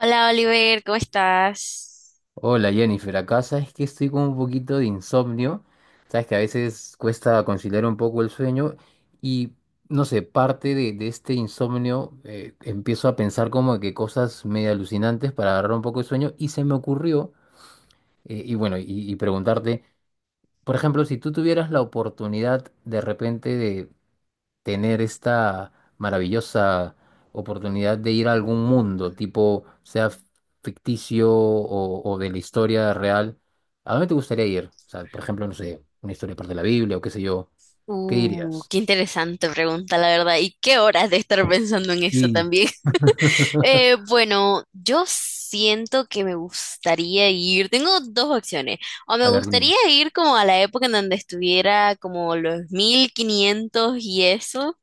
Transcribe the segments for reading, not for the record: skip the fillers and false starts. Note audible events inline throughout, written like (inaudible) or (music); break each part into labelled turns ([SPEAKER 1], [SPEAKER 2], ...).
[SPEAKER 1] Hola Oliver, ¿cómo estás?
[SPEAKER 2] Hola Jennifer, acá sabes que estoy con un poquito de insomnio, sabes que a veces cuesta conciliar un poco el sueño y no sé, parte de este insomnio empiezo a pensar como que cosas medio alucinantes para agarrar un poco de sueño y se me ocurrió, eh, y bueno, y, preguntarte, por ejemplo, si tú tuvieras la oportunidad de repente de tener esta maravillosa oportunidad de ir a algún mundo, tipo, sea ficticio o de la historia real, ¿a dónde te gustaría ir? O sea, por ejemplo, no sé, una historia parte de la Biblia o qué sé yo, ¿qué dirías?
[SPEAKER 1] Qué interesante pregunta, la verdad. ¿Y qué horas de estar pensando en eso
[SPEAKER 2] Sí.
[SPEAKER 1] también? (laughs) Eh,
[SPEAKER 2] (laughs)
[SPEAKER 1] bueno, yo siento que me gustaría ir. Tengo dos opciones. O
[SPEAKER 2] A
[SPEAKER 1] me
[SPEAKER 2] ver, dime.
[SPEAKER 1] gustaría ir como a la época en donde estuviera como los 1500 y eso.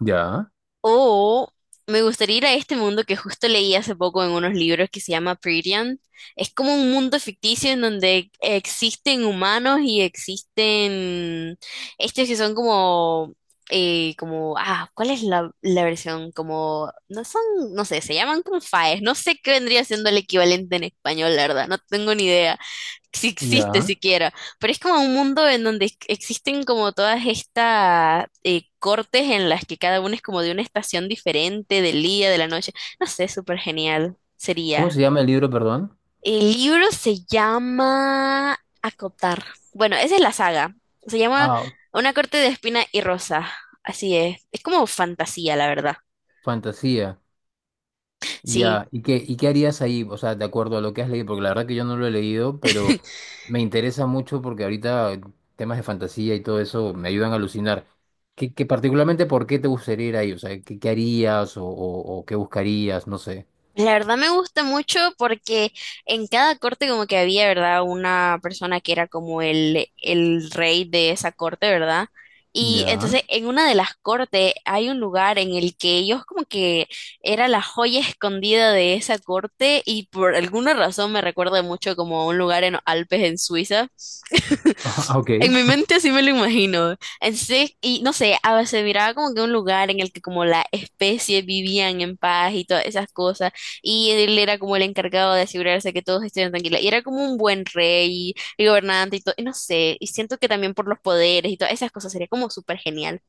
[SPEAKER 2] Ya,
[SPEAKER 1] O me gustaría ir a este mundo que justo leí hace poco en unos libros que se llama Prettian. Es como un mundo ficticio en donde existen humanos y existen estos que son como, como, ah, ¿cuál es la versión? Como, no son, no sé, se llaman como faes. No sé qué vendría siendo el equivalente en español, la verdad, no tengo ni idea si existe
[SPEAKER 2] ya.
[SPEAKER 1] siquiera, pero es como un mundo en donde existen como todas estas cortes en las que cada uno es como de una estación diferente, del día, de la noche, no sé, súper genial
[SPEAKER 2] ¿Cómo
[SPEAKER 1] sería.
[SPEAKER 2] se llama el libro, perdón?
[SPEAKER 1] El libro se llama Acotar. Bueno, esa es la saga. Se llama
[SPEAKER 2] Ah,
[SPEAKER 1] Una corte de espina y rosa. Así es. Es como fantasía, la verdad.
[SPEAKER 2] fantasía.
[SPEAKER 1] Sí.
[SPEAKER 2] Ya, ¿y qué harías ahí? O sea, de acuerdo a lo que has leído, porque la verdad que yo no lo he leído, pero me interesa mucho porque ahorita temas de fantasía y todo eso me ayudan a alucinar. ¿Qué particularmente por qué te gustaría ir ahí? O sea, ¿qué harías o qué buscarías? No sé.
[SPEAKER 1] La verdad me gusta mucho porque en cada corte como que había, ¿verdad? Una persona que era como el rey de esa corte, ¿verdad? Y
[SPEAKER 2] Ya.
[SPEAKER 1] entonces
[SPEAKER 2] (laughs)
[SPEAKER 1] en una de las cortes hay un lugar en el que ellos como que era la joya escondida de esa corte y por alguna razón me recuerda mucho como a un lugar en los Alpes en Suiza.
[SPEAKER 2] Ah, ok.
[SPEAKER 1] En mi mente así me lo imagino. Entonces, y no sé, a veces miraba como que un lugar en el que como la especie vivían en paz y todas esas cosas, y él era como el encargado de asegurarse que todos estuvieran tranquilos, y era como un buen rey y gobernante y todo, y no sé, y siento que también por los poderes y todas esas cosas sería como súper genial.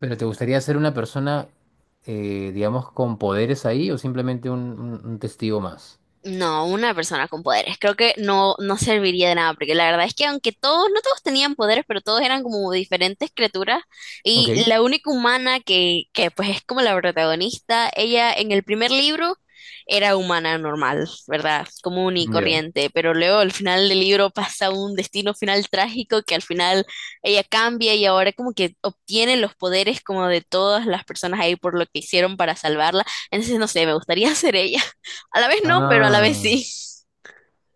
[SPEAKER 2] ¿Pero te gustaría ser una persona, digamos, con poderes ahí o simplemente un, un testigo más?
[SPEAKER 1] No, una persona con poderes. Creo que no, no serviría de nada, porque la verdad es que aunque todos, no todos tenían poderes, pero todos eran como diferentes criaturas,
[SPEAKER 2] Ok.
[SPEAKER 1] y la única humana que pues es como la protagonista, ella en el primer libro era humana normal, ¿verdad? Común y
[SPEAKER 2] Ya.
[SPEAKER 1] corriente, pero luego al final del libro pasa un destino final trágico que al final ella cambia y ahora como que obtiene los poderes como de todas las personas ahí por lo que hicieron para salvarla. Entonces, no sé, me gustaría (laughs) ser ella. A la vez no, pero a la vez
[SPEAKER 2] Ah.
[SPEAKER 1] sí.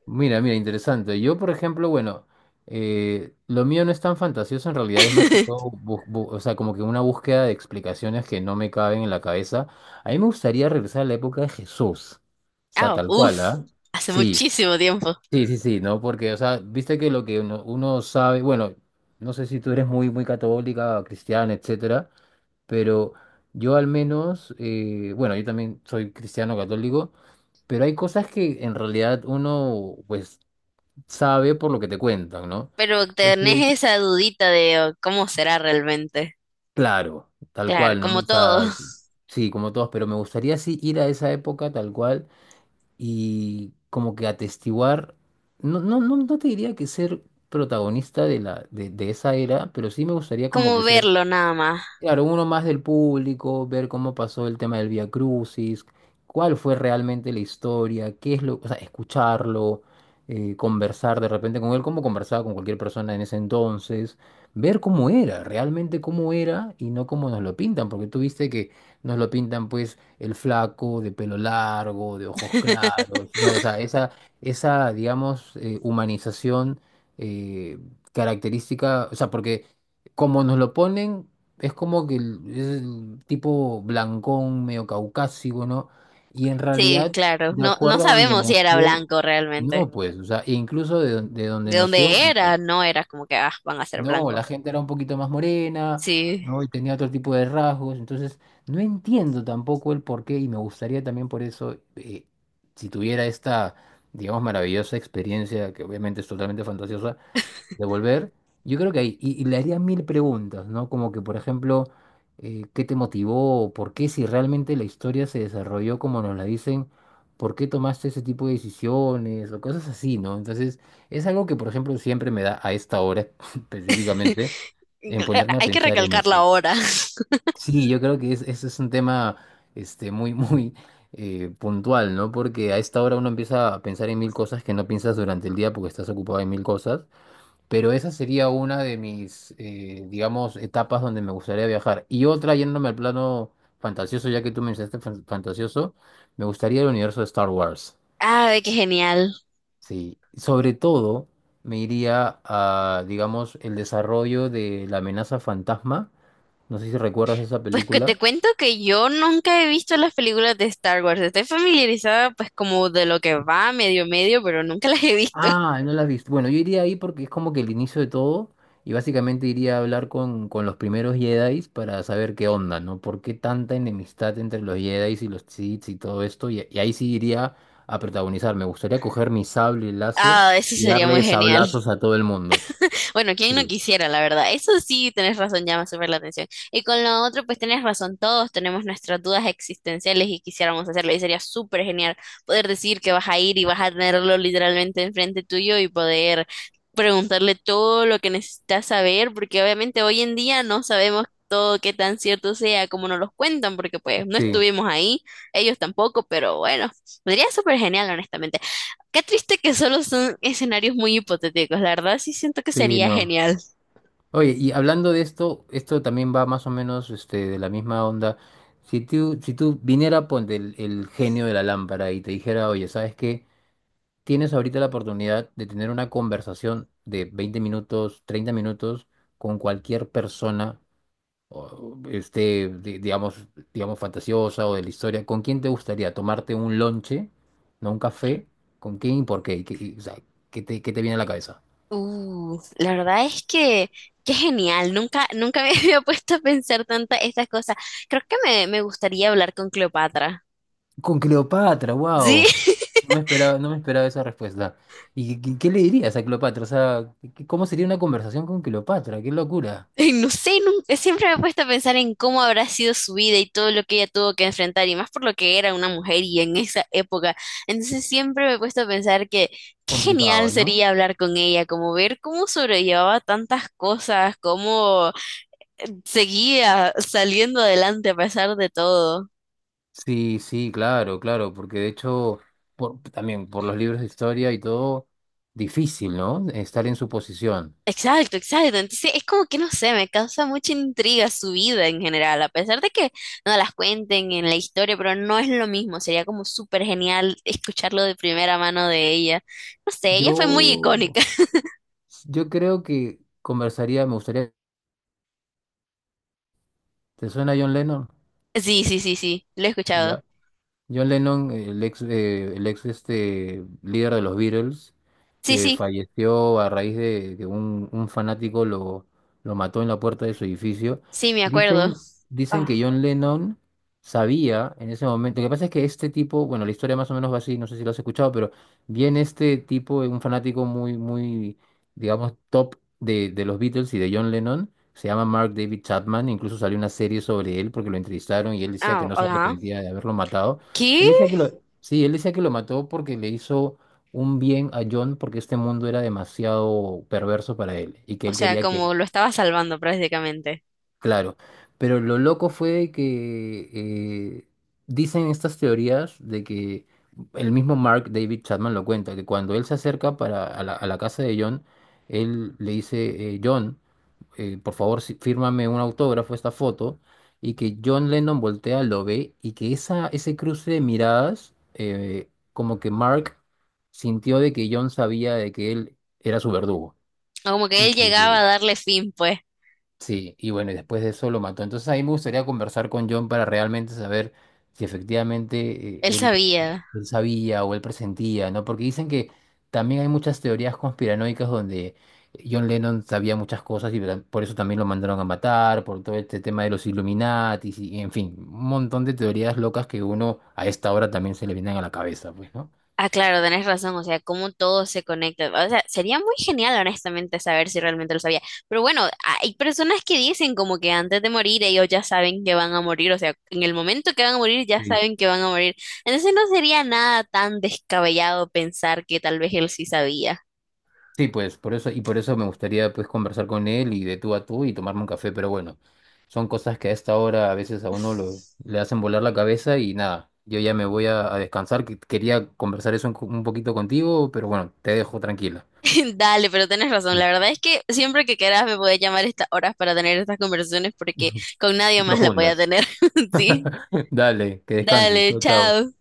[SPEAKER 2] Mira, mira, interesante. Yo, por ejemplo, bueno, lo mío no es tan fantasioso, en realidad es más que todo,
[SPEAKER 1] (laughs)
[SPEAKER 2] o sea, como que una búsqueda de explicaciones que no me caben en la cabeza. A mí me gustaría regresar a la época de Jesús, o sea,
[SPEAKER 1] Ah,
[SPEAKER 2] tal cual,
[SPEAKER 1] uff,
[SPEAKER 2] ¿ah?
[SPEAKER 1] hace
[SPEAKER 2] Sí,
[SPEAKER 1] muchísimo tiempo.
[SPEAKER 2] sí, sí, sí, ¿no? Porque, o sea, viste que lo que uno, uno sabe, bueno, no sé si tú eres muy, muy católica, cristiana, etcétera, pero yo al menos, yo también soy cristiano católico. Pero hay cosas que en realidad uno, pues, sabe por lo que te cuentan, ¿no?
[SPEAKER 1] Pero tenés
[SPEAKER 2] Entonces,
[SPEAKER 1] esa dudita de oh, cómo será realmente.
[SPEAKER 2] claro, tal
[SPEAKER 1] Claro,
[SPEAKER 2] cual, ¿no?
[SPEAKER 1] como
[SPEAKER 2] O
[SPEAKER 1] todo,
[SPEAKER 2] sea,
[SPEAKER 1] (laughs)
[SPEAKER 2] sí, como todos, pero me gustaría sí ir a esa época tal cual y como que atestiguar, no te diría que ser protagonista de esa era, pero sí me gustaría como
[SPEAKER 1] como
[SPEAKER 2] que ser.
[SPEAKER 1] verlo nada más.
[SPEAKER 2] Claro, uno más del público, ver cómo pasó el tema del Vía Crucis, cuál fue realmente la historia, qué es lo, o sea, escucharlo, conversar de repente con él, como conversaba con cualquier persona en ese entonces, ver cómo era, realmente cómo era y no cómo nos lo pintan, porque tú viste que nos lo pintan pues el flaco de pelo largo, de ojos claros, ¿no? O sea,
[SPEAKER 1] (laughs)
[SPEAKER 2] digamos, humanización eh, característica, o sea, porque como nos lo ponen es como que es el tipo blancón, medio caucásico, ¿no? Y en
[SPEAKER 1] Sí,
[SPEAKER 2] realidad,
[SPEAKER 1] claro.
[SPEAKER 2] de
[SPEAKER 1] No, no
[SPEAKER 2] acuerdo a donde
[SPEAKER 1] sabemos si era
[SPEAKER 2] nació,
[SPEAKER 1] blanco realmente.
[SPEAKER 2] no, pues, o sea, e incluso de, de donde
[SPEAKER 1] De
[SPEAKER 2] nació,
[SPEAKER 1] dónde era, no era como que ah, van a ser
[SPEAKER 2] no,
[SPEAKER 1] blancos.
[SPEAKER 2] la gente era un poquito más morena,
[SPEAKER 1] Sí.
[SPEAKER 2] ¿no? Y tenía otro tipo de rasgos, entonces no entiendo tampoco el porqué y me gustaría también por eso, si tuviera esta, digamos, maravillosa experiencia, que obviamente es totalmente fantasiosa, devolver yo creo que ahí, y le haría mil preguntas, ¿no? Como que, por ejemplo, ¿qué te motivó? ¿Por qué si realmente la historia se desarrolló como nos la dicen? ¿Por qué tomaste ese tipo de decisiones? O cosas así, ¿no? Entonces, es algo que, por ejemplo, siempre me da a esta hora (laughs) específicamente
[SPEAKER 1] (laughs)
[SPEAKER 2] en ponerme a
[SPEAKER 1] Hay que
[SPEAKER 2] pensar en
[SPEAKER 1] recalcarlo
[SPEAKER 2] eso.
[SPEAKER 1] ahora. (laughs)
[SPEAKER 2] Sí, yo creo que es, eso es un tema este, muy, (laughs) muy puntual, ¿no? Porque a esta hora uno empieza a pensar en mil cosas que no piensas durante el día porque estás ocupado en mil cosas. Pero esa sería una de mis, digamos, etapas donde me gustaría viajar. Y otra, yéndome al plano fantasioso, ya que tú mencionaste fantasioso, me gustaría el universo de Star Wars.
[SPEAKER 1] Ah, ve qué genial.
[SPEAKER 2] Sí, sobre todo me iría a, digamos, el desarrollo de la amenaza fantasma. No sé si recuerdas esa
[SPEAKER 1] Pues que
[SPEAKER 2] película.
[SPEAKER 1] te cuento que yo nunca he visto las películas de Star Wars. Estoy familiarizada pues como de lo que va medio medio, pero nunca las he visto.
[SPEAKER 2] Ah,
[SPEAKER 1] (laughs)
[SPEAKER 2] no la has visto. Bueno, yo iría ahí porque es como que el inicio de todo y básicamente iría a hablar con los primeros Jedi's para saber qué onda, ¿no? ¿Por qué tanta enemistad entre los Jedi's y los Sith y todo esto? Y ahí sí iría a protagonizar. Me gustaría coger mi sable láser
[SPEAKER 1] Ah, eso
[SPEAKER 2] y
[SPEAKER 1] sería muy
[SPEAKER 2] darle
[SPEAKER 1] genial.
[SPEAKER 2] sablazos a todo el mundo.
[SPEAKER 1] Bueno, quién no
[SPEAKER 2] Sí.
[SPEAKER 1] quisiera, la verdad. Eso sí, tenés razón, llama súper la atención. Y con lo otro, pues tenés razón, todos tenemos nuestras dudas existenciales y quisiéramos hacerlo. Y sería súper genial poder decir que vas a ir y vas a tenerlo literalmente enfrente tuyo y poder preguntarle todo lo que necesitas saber, porque obviamente hoy en día no sabemos todo qué tan cierto sea como nos los cuentan, porque pues no
[SPEAKER 2] Sí,
[SPEAKER 1] estuvimos ahí, ellos tampoco, pero bueno, sería súper genial, honestamente. Qué triste que solo son escenarios muy hipotéticos. La verdad sí siento que
[SPEAKER 2] sí,
[SPEAKER 1] sería
[SPEAKER 2] no.
[SPEAKER 1] genial.
[SPEAKER 2] Oye, y hablando de esto, esto también va más o menos este, de la misma onda. Si tú viniera, ponte el genio de la lámpara y te dijera, oye, ¿sabes qué? Tienes ahorita la oportunidad de tener una conversación de 20 minutos, 30 minutos con cualquier persona, o, este, digamos, fantasiosa o de la historia. ¿Con quién te gustaría tomarte un lonche, no un café? ¿Con quién y por qué? ¿Y qué, y, o sea, qué te viene a la cabeza?
[SPEAKER 1] La verdad es que qué genial. Nunca, nunca me (laughs) había puesto a pensar tantas estas cosas. Creo que me gustaría hablar con Cleopatra.
[SPEAKER 2] Con Cleopatra,
[SPEAKER 1] Sí,
[SPEAKER 2] wow.
[SPEAKER 1] (laughs)
[SPEAKER 2] No me esperaba esa respuesta. ¿Y qué, qué le dirías a Cleopatra? O sea, ¿qué- ¿cómo sería una conversación con Cleopatra? Qué locura.
[SPEAKER 1] Ay, no sé, siempre me he puesto a pensar en cómo habrá sido su vida y todo lo que ella tuvo que enfrentar, y más por lo que era una mujer y en esa época. Entonces siempre me he puesto a pensar que qué genial
[SPEAKER 2] Complicado, ¿no?
[SPEAKER 1] sería hablar con ella, como ver cómo sobrellevaba tantas cosas, cómo seguía saliendo adelante a pesar de todo.
[SPEAKER 2] Sí, sí, claro, claro, porque de hecho, por- también por los libros de historia y todo, difícil, ¿no? Estar en su posición.
[SPEAKER 1] Exacto, exacto. Entonces es como que no sé, me causa mucha intriga su vida en general, a pesar de que no las cuenten en la historia, pero no es lo mismo. Sería como súper genial escucharlo de primera mano de ella. No sé, ella fue muy
[SPEAKER 2] Yo,
[SPEAKER 1] icónica. (laughs)
[SPEAKER 2] yo creo que conversaría, me gustaría, ¿te suena John Lennon?
[SPEAKER 1] Sí, sí, sí, sí, lo he escuchado.
[SPEAKER 2] Ya. John Lennon, el ex este, líder de los Beatles,
[SPEAKER 1] Sí,
[SPEAKER 2] que
[SPEAKER 1] sí,
[SPEAKER 2] falleció a raíz de que un fanático lo mató en la puerta de su edificio.
[SPEAKER 1] sí, me acuerdo.
[SPEAKER 2] Dicen, dicen
[SPEAKER 1] Ah,
[SPEAKER 2] que John Lennon sabía en ese momento. Lo que pasa es que este tipo, bueno, la historia más o menos va así, no sé si lo has escuchado, pero viene este tipo, un fanático muy, muy, digamos, top de los Beatles y de John Lennon. Se llama Mark David Chapman, incluso salió una serie sobre él porque lo entrevistaron y él decía que
[SPEAKER 1] ah,
[SPEAKER 2] no se
[SPEAKER 1] ajá.
[SPEAKER 2] arrepentía de haberlo matado.
[SPEAKER 1] ¿Qué?
[SPEAKER 2] Él decía que lo, sí, él decía que lo mató porque le hizo un bien a John porque este mundo era demasiado perverso para él y que
[SPEAKER 1] O
[SPEAKER 2] él
[SPEAKER 1] sea,
[SPEAKER 2] quería que.
[SPEAKER 1] como lo estaba salvando prácticamente.
[SPEAKER 2] Claro, pero lo loco fue que eh, dicen estas teorías de que el mismo Mark David Chapman lo cuenta, que cuando él se acerca para, a la casa de John, él le dice, John, por favor, sí, fírmame un autógrafo, esta foto, y que John Lennon voltea, lo ve, y que esa, ese cruce de miradas, como que Mark sintió de que John sabía de que él era su verdugo.
[SPEAKER 1] O como que
[SPEAKER 2] Y
[SPEAKER 1] él llegaba a
[SPEAKER 2] que
[SPEAKER 1] darle fin, pues.
[SPEAKER 2] sí, y bueno, y después de eso lo mató. Entonces a mí me gustaría conversar con John para realmente saber si efectivamente
[SPEAKER 1] Él
[SPEAKER 2] eh, él,
[SPEAKER 1] sabía.
[SPEAKER 2] él sabía o él presentía, ¿no? Porque dicen que también hay muchas teorías conspiranoicas donde John Lennon sabía muchas cosas y verdad- por eso también lo mandaron a matar, por todo este tema de los Illuminati, y en fin, un montón de teorías locas que uno a esta hora también se le vienen a la cabeza, pues, ¿no?
[SPEAKER 1] Ah, claro, tenés razón, o sea, cómo todo se conecta. O sea, sería muy genial, honestamente, saber si realmente lo sabía. Pero bueno, hay personas que dicen como que antes de morir ellos ya saben que van a morir, o sea, en el momento que van a morir ya saben que van a morir. Entonces no sería nada tan descabellado pensar que tal vez él sí sabía.
[SPEAKER 2] Sí, pues por eso, y por eso me gustaría pues conversar con él y de tú a tú y tomarme un café, pero bueno, son cosas que a esta hora a veces a uno lo, le hacen volar la cabeza y nada, yo ya me voy a descansar, que quería conversar eso un, un poquito contigo, pero bueno, te dejo tranquila.
[SPEAKER 1] (laughs) Dale, pero tenés razón,
[SPEAKER 2] Mm.
[SPEAKER 1] la verdad es que siempre que quieras me podés llamar a estas horas para tener estas conversaciones porque
[SPEAKER 2] (laughs)
[SPEAKER 1] con nadie más la voy a
[SPEAKER 2] Profundas.
[SPEAKER 1] tener. (laughs) Sí,
[SPEAKER 2] (laughs) Dale, que descanses.
[SPEAKER 1] dale,
[SPEAKER 2] Chao, chao.
[SPEAKER 1] chao.